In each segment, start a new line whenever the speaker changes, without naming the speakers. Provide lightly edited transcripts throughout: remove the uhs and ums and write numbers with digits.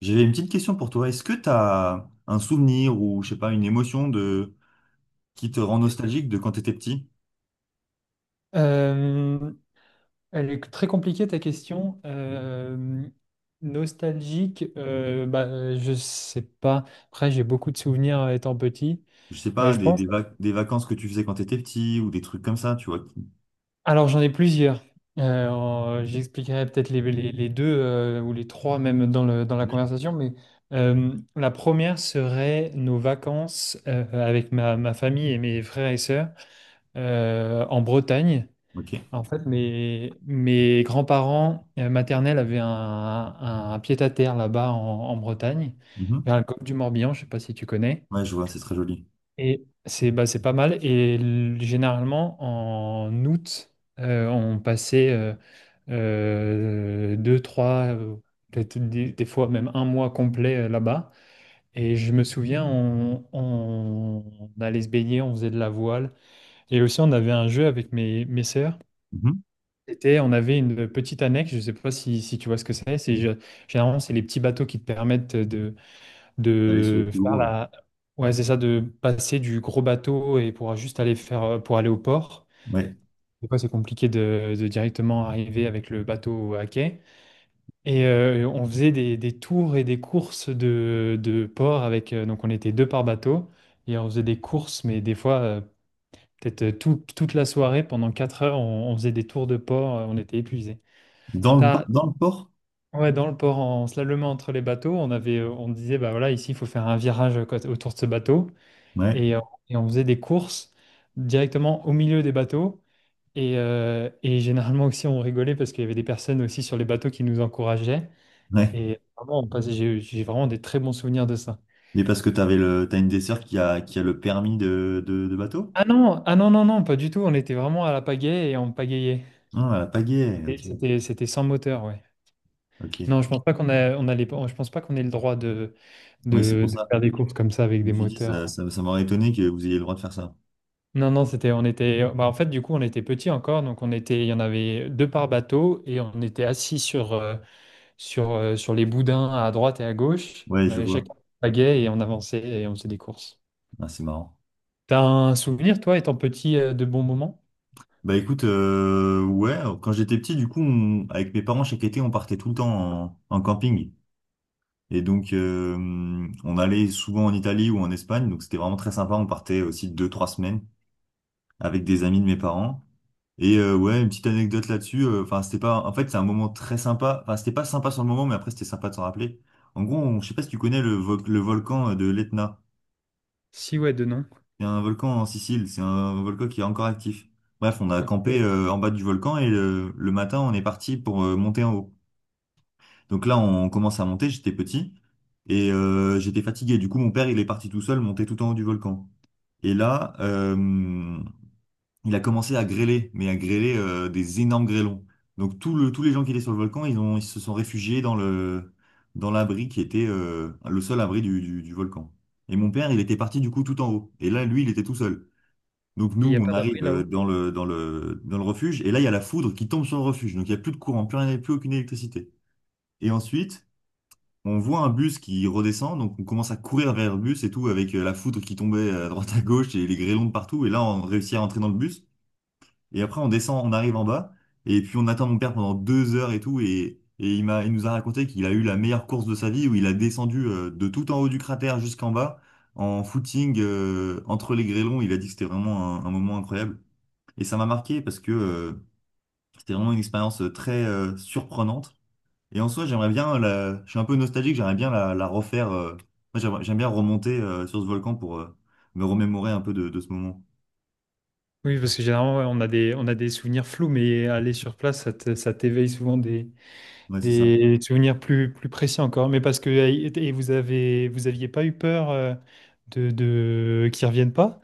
J'avais une petite question pour toi. Est-ce que tu as un souvenir ou, je sais pas, une émotion de qui te rend nostalgique de quand tu étais petit?
Euh, Elle est très compliquée ta question. Nostalgique, bah, je sais pas. Après, j'ai beaucoup de souvenirs étant petit.
Je sais pas,
Je pense.
des vacances que tu faisais quand tu étais petit ou des trucs comme ça, tu vois. Qui-
Alors, j'en ai plusieurs. J'expliquerai peut-être les deux ou les trois même dans dans la
Oui.
conversation. Mais la première serait nos vacances avec ma famille et mes frères et sœurs en Bretagne.
Ok.
En fait, mes grands-parents maternels avaient un pied-à-terre là-bas en Bretagne,
Mhm.
vers le golfe du Morbihan, je ne sais pas si tu connais.
Ouais, je vois, c'est très joli.
Et c'est bah, c'est pas mal. Généralement, en août, on passait deux, trois, peut-être des fois même un mois complet là-bas. Et je me souviens, on allait se baigner, on faisait de la voile. Et aussi, on avait un jeu avec mes sœurs.
Mhm.
On avait une petite annexe, je ne sais pas si tu vois ce que c'est. Généralement, c'est les petits bateaux qui te permettent
D'aller sur le
de
plus
faire
gros, oui.
la... Ouais, c'est ça, de passer du gros bateau et pour juste pour aller au port.
Ouais.
Des fois, c'est compliqué de directement arriver avec le bateau à quai. Et on faisait des tours et des courses de port avec... donc, on était deux par bateau et on faisait des courses, mais des fois, peut-être toute la soirée, pendant 4 heures, on faisait des tours de port, on était épuisés. T'as,
Dans le port?
Ouais, dans le port, en slalomant entre les bateaux, on disait, bah voilà, ici, il faut faire un virage autour de ce bateau.
Ouais.
Et, euh, et on faisait des courses directement au milieu des bateaux. Et généralement aussi, on rigolait parce qu'il y avait des personnes aussi sur les bateaux qui nous encourageaient.
Ouais.
Et vraiment, on passait, j'ai vraiment des très bons souvenirs de ça.
Mais parce que tu avais le, t'as une des sœurs qui a le permis de bateau?
Ah non, ah non, non, non, pas du tout. On était vraiment à la pagaie et on pagayait.
Ah, à la pagaie.
Et
Ok.
C'était sans moteur, ouais.
Ok.
Non, je pense pas qu'on ait le droit
Oui, c'est pour
de
ça.
faire des courses comme ça avec
Je
des
me suis dit, ça,
moteurs.
ça, ça m'aurait étonné que vous ayez le droit de faire ça.
Non, non, bah, en fait, du coup, on était petits encore, il y en avait deux par bateau et on était assis sur les boudins à droite et à gauche.
Ouais,
On
je
avait
vois.
chacun un pagaie et on avançait et on faisait des courses.
Ah, c'est marrant.
T'as un souvenir, toi, étant petit, de bons moments?
Bah écoute, ouais, quand j'étais petit, du coup, on- avec mes parents, chaque été, on partait tout le temps en, en camping. Et donc, on allait souvent en Italie ou en Espagne, donc c'était vraiment très sympa. On partait aussi deux, trois semaines avec des amis de mes parents. Et ouais, une petite anecdote là-dessus. Enfin, c'était pas. En fait, c'est un moment très sympa. Enfin, c'était pas sympa sur le moment, mais après, c'était sympa de s'en rappeler. En gros, on- je sais pas si tu connais le volcan de l'Etna.
Si, ouais, de non.
Il y a un volcan en Sicile, c'est un volcan qui est encore actif. Bref, on a campé en bas du volcan et le matin, on est parti pour monter en haut. Donc là, on commence à monter, j'étais petit et j'étais fatigué. Du coup, mon père, il est parti tout seul monter tout en haut du volcan. Et là, il a commencé à grêler, mais à grêler des énormes grêlons. Donc tous les gens qui étaient sur le volcan, ils ont, ils se sont réfugiés dans l'abri qui était le seul abri du volcan. Et mon père, il était parti du coup tout en haut. Et là, lui, il était tout seul. Donc nous,
Il n'y a
on
pas d'abri
arrive
là-haut?
dans le refuge, et là, il y a la foudre qui tombe sur le refuge. Donc il n'y a plus de courant, plus rien, plus aucune électricité. Et ensuite, on voit un bus qui redescend, donc on commence à courir vers le bus et tout, avec la foudre qui tombait à droite à gauche et les grêlons de partout. Et là, on réussit à entrer dans le bus. Et après, on descend, on arrive en bas, et puis on attend mon père pendant 2 heures et tout. Et il nous a raconté qu'il a eu la meilleure course de sa vie, où il a descendu de tout en haut du cratère jusqu'en bas, en footing, entre les grêlons. Il a dit que c'était vraiment un moment incroyable. Et ça m'a marqué parce que c'était vraiment une expérience très surprenante. Et en soi, j'aimerais bien la… Je suis un peu nostalgique, la refaire. Moi, j'aimerais- j'aime bien remonter sur ce volcan pour me remémorer un peu de ce moment.
Oui, parce que généralement, ouais, on a des souvenirs flous, mais aller sur place, ça t'éveille souvent des,
Ouais, c'est ça.
Des souvenirs plus précis encore, mais parce que vous aviez pas eu peur de qu'ils reviennent pas?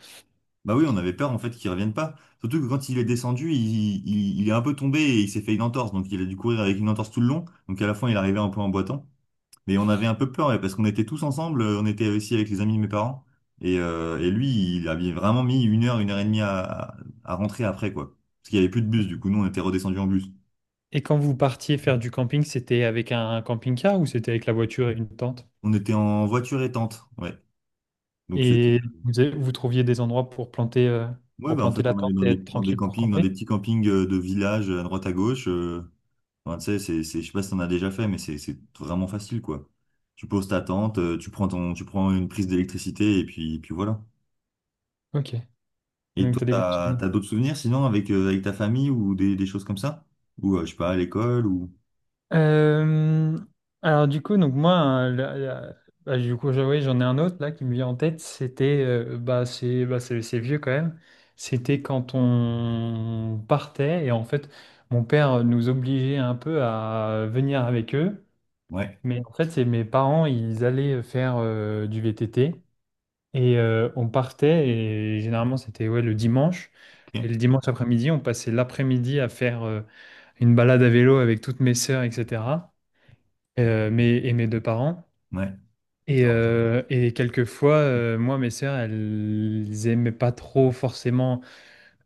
Bah oui, on avait peur en fait qu'il revienne pas. Surtout que quand il est descendu, il est un peu tombé et il s'est fait une entorse. Donc il a dû courir avec une entorse tout le long. Donc à la fin, il arrivait un peu en boitant. Mais on avait un peu peur, ouais, parce qu'on était tous ensemble, on était aussi avec les amis de mes parents. Et lui, il avait vraiment mis une heure et demie à rentrer après, quoi. Parce qu'il y avait plus de bus, du coup, nous, on était redescendus en bus.
Et quand vous partiez faire du camping, c'était avec un camping-car ou c'était avec la voiture et une tente?
On était en voiture et tente, ouais. Donc c'était…
Et vous, vous trouviez des endroits
Ouais,
pour
bah en fait,
planter la
on allait
tente et être
dans des
tranquille pour
campings, dans des
camper?
petits campings de village à droite à gauche. Enfin, tu sais, je sais pas si t'en as déjà fait, mais c'est vraiment facile, quoi. Tu poses ta tente, tu prends une prise d'électricité, et puis, puis voilà.
Ok. Et
Et
donc
toi,
t'as des bons
t'as,
souvenirs.
t'as d'autres souvenirs sinon avec, avec ta famille ou des choses comme ça? Ou je sais pas, à l'école ou.
Euh, alors du coup, donc moi, hein, bah, du coup, oui, j'en ai un autre là qui me vient en tête. Bah, bah, c'est vieux quand même. C'était quand on partait et en fait, mon père nous obligeait un peu à venir avec eux.
Ouais,
Mais en fait, c'est mes parents, ils allaient faire du VTT et on partait et généralement c'était ouais le dimanche. Et
ok.
le dimanche après-midi, on passait l'après-midi à faire une balade à vélo avec toutes mes sœurs, etc et mes deux parents.
Ouais.
Et,
C'est vraiment- sympa.
euh, et quelquefois, mes sœurs, elles aimaient pas trop forcément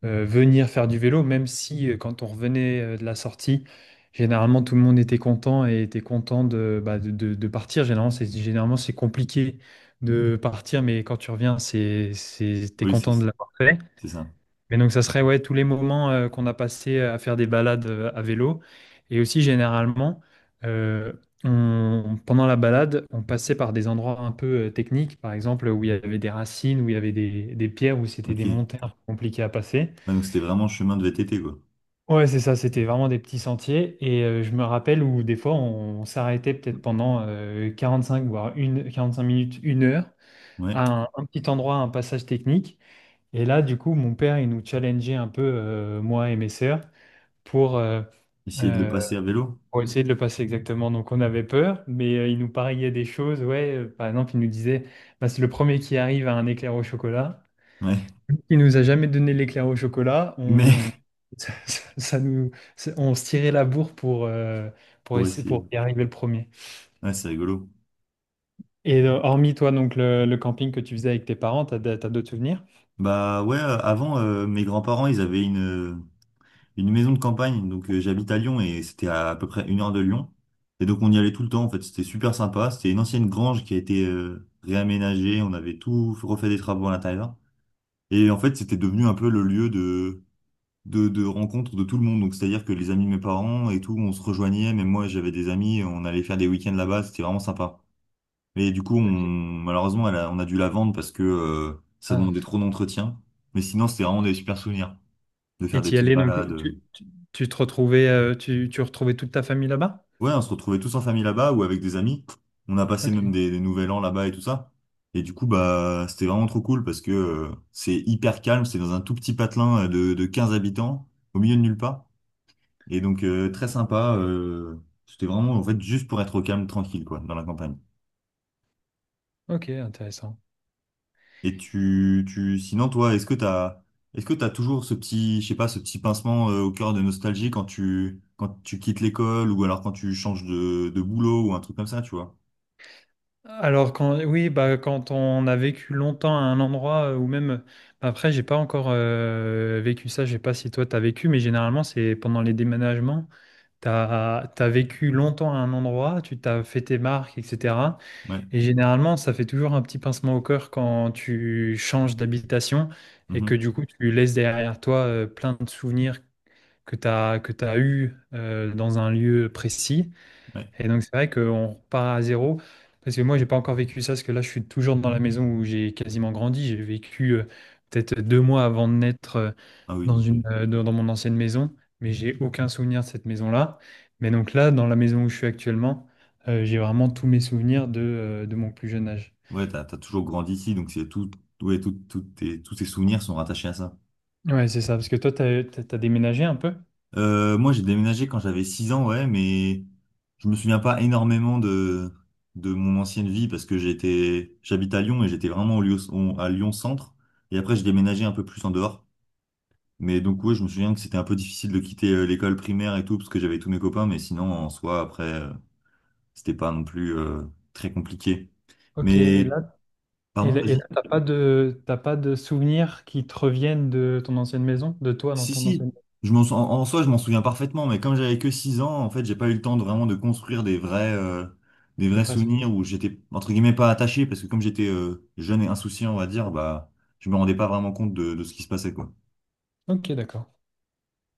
venir faire du vélo, même si quand on revenait de la sortie, généralement tout le monde était content et était content de, bah, de partir. Généralement c'est compliqué de partir, mais quand tu reviens, t'es
Oui,
content de l'avoir fait.
c'est ça.
Mais donc, ça serait ouais, tous les moments qu'on a passés à faire des balades à vélo. Et aussi, généralement, euh, pendant la balade, on passait par des endroits un peu techniques, par exemple, où il y avait des racines, où il y avait des pierres, où c'était
Ok.
des
Ouais,
montées un peu compliquées à passer.
donc c'était vraiment chemin de VTT, quoi.
Ouais, c'est ça, c'était vraiment des petits sentiers. Et je me rappelle où des fois, on s'arrêtait peut-être pendant 45, voire 45 minutes, 1 heure,
Ouais.
à un petit endroit, un passage technique. Et là, du coup, mon père, il nous challengeait un peu, moi et mes sœurs pour, euh,
Essayer de le
euh,
passer à vélo.
pour essayer de le passer exactement. Donc on avait peur, mais il nous pariait des choses. Ouais, par exemple, il nous disait, bah, c'est le premier qui arrive à un éclair au chocolat.
Ouais.
Il nous a jamais donné l'éclair au chocolat.
Mais
Ça nous, on se tirait la bourre pour
pour
essayer,
essayer.
pour y arriver le premier.
Ouais, c'est rigolo.
Et hormis toi, donc le camping que tu faisais avec tes parents, t'as d'autres souvenirs?
Bah ouais, avant, mes grands-parents, ils avaient une. Une maison de campagne, donc j'habite à Lyon et c'était à peu près une heure de Lyon. Et donc on y allait tout le temps en fait, c'était super sympa. C'était une ancienne grange qui a été réaménagée, on avait tout refait des travaux à l'intérieur. Et en fait c'était devenu un peu le lieu de rencontre de tout le monde. Donc c'est-à-dire que les amis de mes parents et tout, on se rejoignait, même moi j'avais des amis, on allait faire des week-ends là-bas, c'était vraiment sympa. Mais du coup on, malheureusement elle a- on a dû la vendre parce que ça
Ah.
demandait trop d'entretien. Mais sinon c'était vraiment des super souvenirs de
Et
faire des
t'y
petites
allais, donc
balades.
tu te retrouvais, tu retrouvais toute ta famille là-bas?
Ouais, on se retrouvait tous en famille là-bas ou avec des amis. On a passé
Ok.
même des nouvel an là-bas et tout ça. Et du coup, bah, c'était vraiment trop cool parce que c'est hyper calme. C'est dans un tout petit patelin de 15 habitants, au milieu de nulle part. Et donc, très sympa. C'était vraiment, en fait, juste pour être au calme, tranquille, quoi, dans la campagne.
Ok, intéressant.
Et sinon, toi, est-ce que t'as toujours ce petit, je sais pas, ce petit pincement au cœur de nostalgie quand quand tu quittes l'école ou alors quand tu changes de boulot ou un truc comme ça, tu vois?
Alors, quand oui, bah, quand on a vécu longtemps à un endroit ou même bah, après j'ai pas encore vécu ça. Je sais pas si toi t'as vécu, mais généralement c'est pendant les déménagements. T'as vécu longtemps à un endroit, tu t'as fait tes marques, etc.
Ouais.
Et généralement ça fait toujours un petit pincement au cœur quand tu changes d'habitation et que
Mhm.
du coup tu laisses derrière toi plein de souvenirs que t'as eu dans un lieu précis.
Ouais.
Et donc, c'est vrai qu'on repart à zéro. Parce que moi, j'ai pas encore vécu ça, parce que là, je suis toujours dans la maison où j'ai quasiment grandi. J'ai vécu peut-être 2 mois avant de naître
Ah oui,
dans
donc,
une, dans dans mon ancienne maison, mais j'ai aucun souvenir de cette maison-là. Mais donc là, dans la maison où je suis actuellement, j'ai vraiment tous mes souvenirs de mon plus jeune âge.
ouais, t'as toujours grandi ici, donc c'est tout, ouais, tous tes souvenirs sont rattachés à ça.
Ouais, c'est ça, parce que toi, t'as déménagé un peu?
Moi, j'ai déménagé quand j'avais 6 ans, ouais, mais je me souviens pas énormément de mon ancienne vie parce que j'étais, j'habite à Lyon et j'étais vraiment à Lyon centre. Et après, j'ai déménagé un peu plus en dehors. Mais donc, ouais, je me souviens que c'était un peu difficile de quitter l'école primaire et tout parce que j'avais tous mes copains, mais sinon, en soi, après, c'était pas non plus très compliqué.
Ok,
Mais, pardon,
et là,
vas-y.
t'as pas de souvenirs qui te reviennent de ton ancienne maison, de toi dans
Si,
ton ancienne
si,
maison,
je m'en, sou- en, en soi, je m'en souviens parfaitement, mais comme j'avais que 6 ans, en fait, j'ai pas eu le temps de vraiment de construire des
tes
vrais
vrais souvenirs?
souvenirs où j'étais, entre guillemets, pas attaché, parce que comme j'étais jeune et insouciant, on va dire, bah, je me rendais pas vraiment compte de ce qui se passait, quoi.
Ok, d'accord.